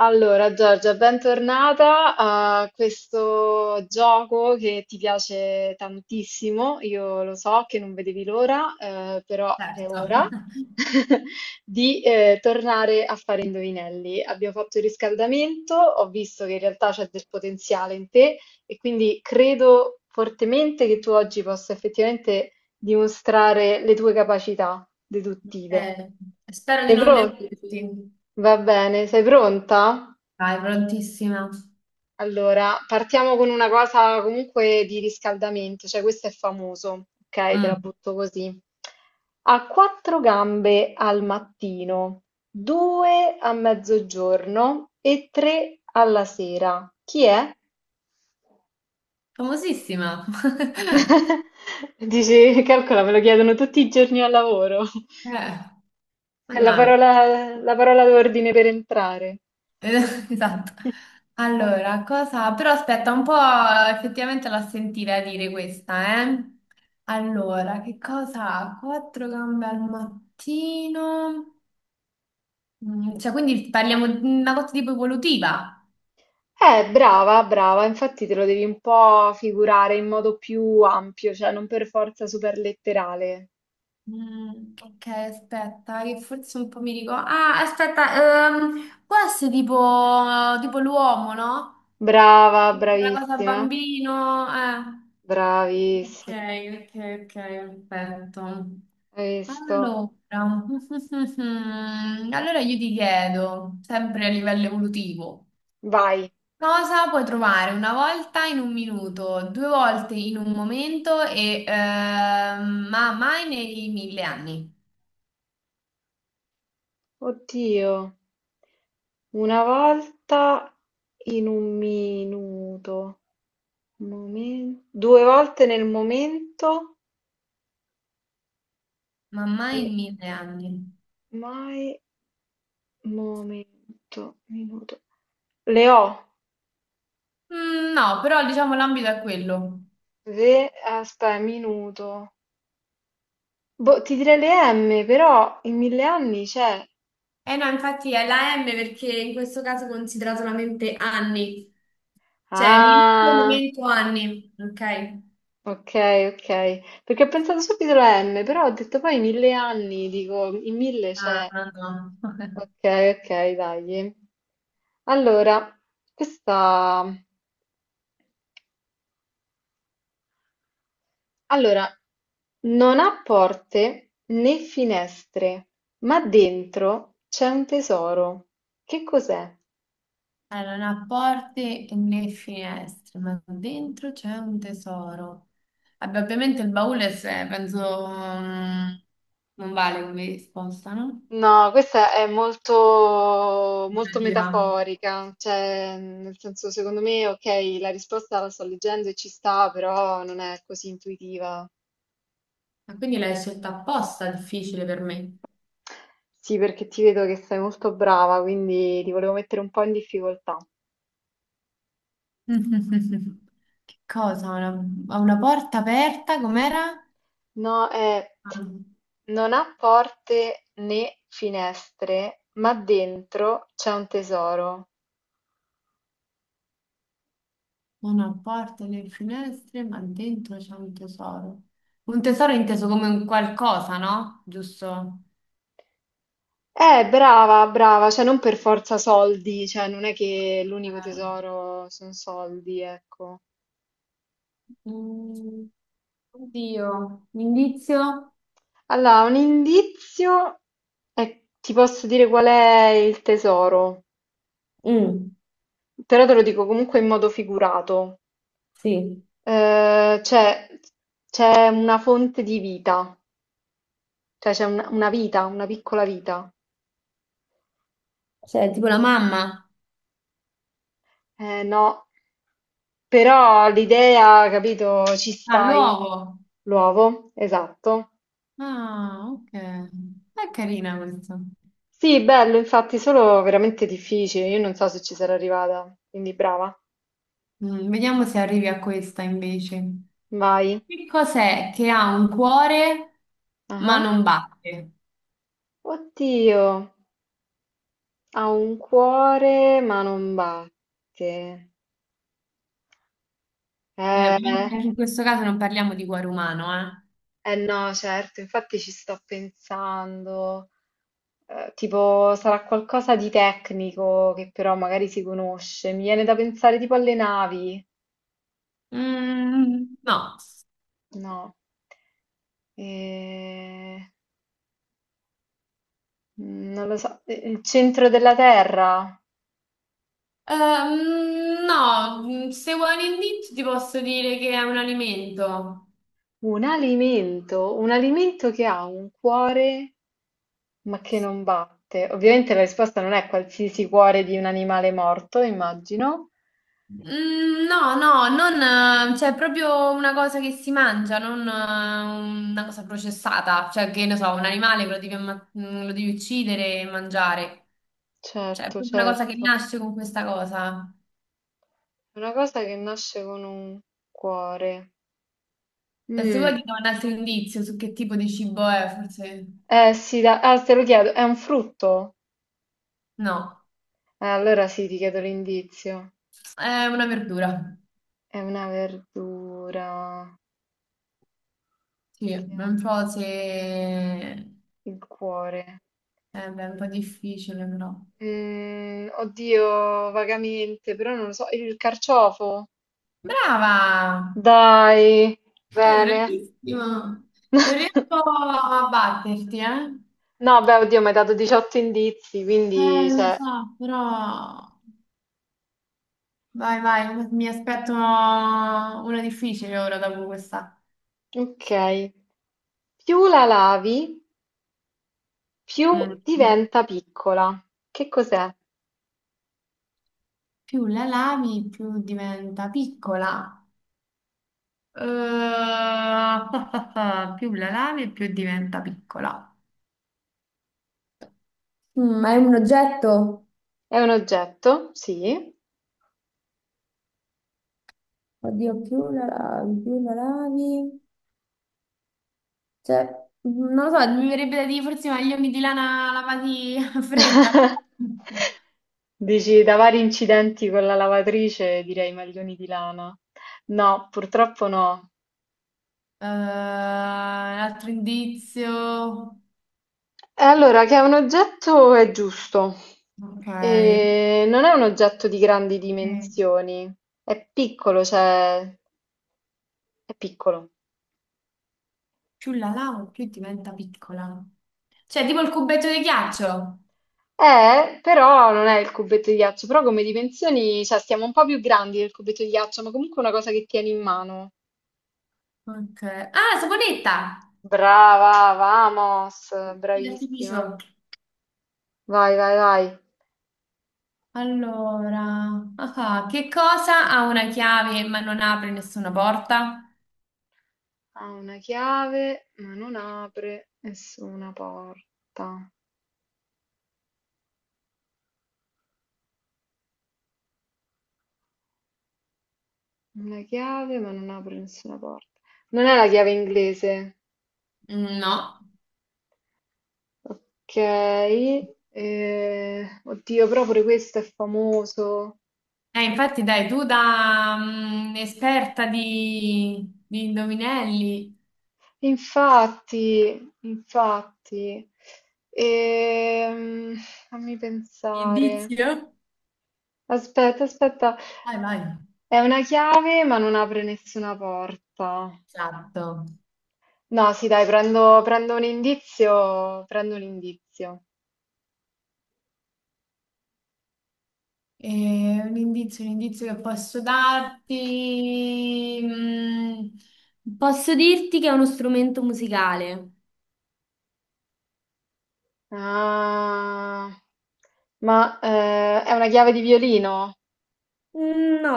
Allora, Giorgia, bentornata a questo gioco che ti piace tantissimo. Io lo so che non vedevi l'ora, però è Certo, ora di tornare a fare indovinelli. Abbiamo fatto il riscaldamento, ho visto che in realtà c'è del potenziale in te e quindi credo fortemente che tu oggi possa effettivamente dimostrare le tue capacità deduttive. Eh, spero di Sei non pronta? deluderti. Va bene, sei pronta? Vai, prontissima. Allora, partiamo con una cosa comunque di riscaldamento, cioè questo è famoso, ok? Te la Mm. butto così. Ha quattro gambe al mattino, due a mezzogiorno e tre alla sera. Chi è? Famosissima. Dici, calcola, me lo chiedono tutti i giorni al lavoro. Eh, È mannaggia. La parola d'ordine per entrare. Esatto. Allora, però aspetta, un po' effettivamente l'ha sentita dire questa, eh? Allora, che cosa ha? Quattro gambe al mattino. Cioè, quindi parliamo di una cosa tipo evolutiva. Brava, brava, infatti te lo devi un po' figurare in modo più ampio, cioè non per forza super letterale. Mm, ok, aspetta, che forse un po' mi ricordo. Ah, aspetta, può essere tipo, tipo l'uomo, no? Brava, La cosa bravissima, bambino, eh. Ok, bravissima. ok, ok, perfetto. Hai visto? Allora, allora io ti chiedo, sempre a livello evolutivo, Vai. cosa puoi trovare una volta in un minuto, due volte in un momento ma mai nei 1000 anni? Oddio, una volta in un minuto, due volte nel momento Ma mai e in 1000 anni. mai momento, minuto. Le ho, Mm, no, però diciamo l'ambito è quello. ve, aspetta, minuto. Boh, ti direi le M, però in mille anni c'è. Eh no, infatti è la M perché in questo caso è considerato solamente anni, cioè minuto, Ah, momento, anni, ok? ok, ok. Perché ho pensato subito alla M, però ho detto poi in mille anni, dico, in mille Ah, c'è. no, no. Ok, ok, dai. Allora, questa... Allora, non ha porte né finestre, ma dentro c'è un tesoro. Che cos'è? Allora, non ha porte né finestre, ma dentro c'è un tesoro. Vabbè, ovviamente il baule, penso, mm, non vale come risposta, no? No, questa è molto, molto Figurativa. metaforica, cioè, nel senso, secondo me, ok, la risposta la sto leggendo e ci sta, però non è così intuitiva. Ma quindi l'hai scelta apposta, difficile per me. Sì, perché ti vedo che sei molto brava, quindi ti volevo mettere un po' in difficoltà. Che cosa? Ha una porta aperta, com'era? No, è Ah, non ha porte né finestre, ma dentro c'è un tesoro. una porta nelle finestre, ma dentro c'è un tesoro. Un tesoro inteso come un qualcosa, no? Giusto? Brava, brava, cioè non per forza soldi, cioè non è che l'unico Ah. tesoro sono soldi, ecco. Mm, Oddio, un indizio? Allora, un indizio è, ti posso dire qual è il tesoro, Mm, però te lo dico comunque in modo figurato. sì, Eh, c'è c'è una fonte di vita, cioè c'è una vita, una piccola vita. cioè tipo la mamma. No, però l'idea, capito, ci Ah, stai. l'uovo. L'uovo, esatto. Ah, ok. È carina questa. Sì, bello, infatti, solo veramente difficile. Io non so se ci sarò arrivata, quindi brava. Vediamo se arrivi a questa invece. Vai. Che cos'è che ha un cuore ma Ah. non batte? Oddio. Ha un cuore ma non batte. Eh, Ovviamente anche in questo caso non parliamo di cuore umano, eh no, certo, infatti ci sto pensando. Tipo, sarà qualcosa di tecnico che però magari si conosce. Mi viene da pensare tipo alle navi. eh. Mm, no. No. Eh, non lo so. Il centro della Terra. No, se vuoi un indizio ti posso dire che è un alimento. Un alimento che ha un cuore. Ma che non batte. Ovviamente la risposta non è qualsiasi cuore di un animale morto, immagino. Mm, no, no, non, cioè è proprio una cosa che si mangia, non una cosa processata. Cioè che, ne so, un animale che lo devi uccidere e mangiare. Cioè, è Certo, proprio una cosa che certo. nasce con questa cosa. È una cosa che nasce con un cuore. E se vuoi Mm. ti do un altro indizio su che tipo di cibo è, forse... Eh sì, ah, te lo chiedo, è un frutto? No, Allora sì, ti chiedo l'indizio. è una verdura. È una verdura Sì, è che ha un po' se... eh, il cuore. beh, è un po' difficile, però. Mm, oddio, vagamente, però non lo so. Il carciofo? Brava! Dai, È bene. bravissimo! Non riesco a batterti, eh? No, beh, oddio, mi hai dato 18 indizi, quindi, Lo cioè, so, però... Vai, vai, mi aspetto una difficile ora dopo questa. ok. Più la lavi, più Mm. diventa piccola. Che cos'è? Più la lavi, più diventa piccola. Più la lavi e più diventa piccola. Ma è un oggetto? È un oggetto? Sì. Oddio, più la lavi, più la lavi. Cioè, non lo so, mi verrebbe da dire forse i maglioni di lana lavati a fredda. Dici, da vari incidenti con la lavatrice, direi maglioni di lana. No, purtroppo no. Un altro indizio. E allora, che è un oggetto è giusto. Ok. E non è un oggetto di grandi Eh, dimensioni, è piccolo, cioè, è piccolo. Più la lavo, più diventa piccola. Cioè, tipo il cubetto di ghiaccio. Però non è il cubetto di ghiaccio, però come dimensioni, cioè stiamo un po' più grandi del cubetto di ghiaccio, ma comunque è una cosa che tieni in mano. Ok. Ah, la saponetta! Brava, vamos, Di bravissima. artificio. Vai, vai, vai. Allora, che cosa ha una chiave ma non apre nessuna porta? Ha una chiave, ma non apre nessuna porta. Una chiave, ma non apre nessuna porta. Non è la chiave inglese. No. Ok. Eh, oddio, però pure questo è famoso. Infatti, dai, tu da esperta di indovinelli. Infatti, infatti, Ehm, fammi pensare. Indizio? Aspetta, aspetta, Vai, vai. è una chiave ma non apre nessuna porta. Esatto. No, sì, dai, prendo un indizio, prendo un indizio. Un indizio, un indizio che posso darti. Posso dirti che è uno strumento musicale? Ah, è una chiave di violino? No.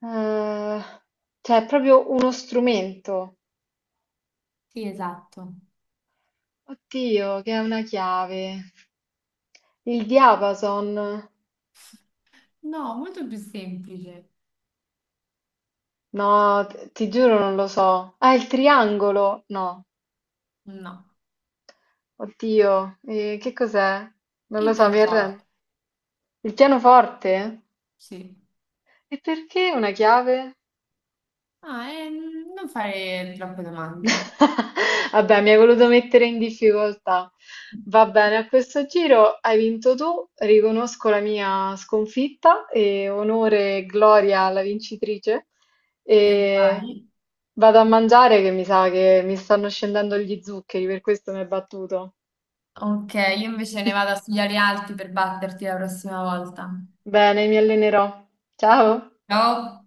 Eh, cioè, è proprio uno strumento. Sì, esatto. Oddio, che è una chiave. Il diapason. No, molto più semplice. No, ti giuro non lo so. Ah, il triangolo? No. No. Oddio, che cos'è? Non lo Il so, mi arrendo. pianoforte, Il pianoforte? sì. E perché una chiave? Ah, e non fare troppe domande. Vabbè, mi hai voluto mettere in difficoltà. Va bene, a questo giro hai vinto tu, riconosco la mia sconfitta e onore e gloria alla vincitrice. E E vai. vado a mangiare che mi sa che mi stanno scendendo gli zuccheri, per questo mi hai battuto. Ok, io invece ne vado a studiare altri per batterti la prossima volta. Bene, mi allenerò. Ciao! Ciao!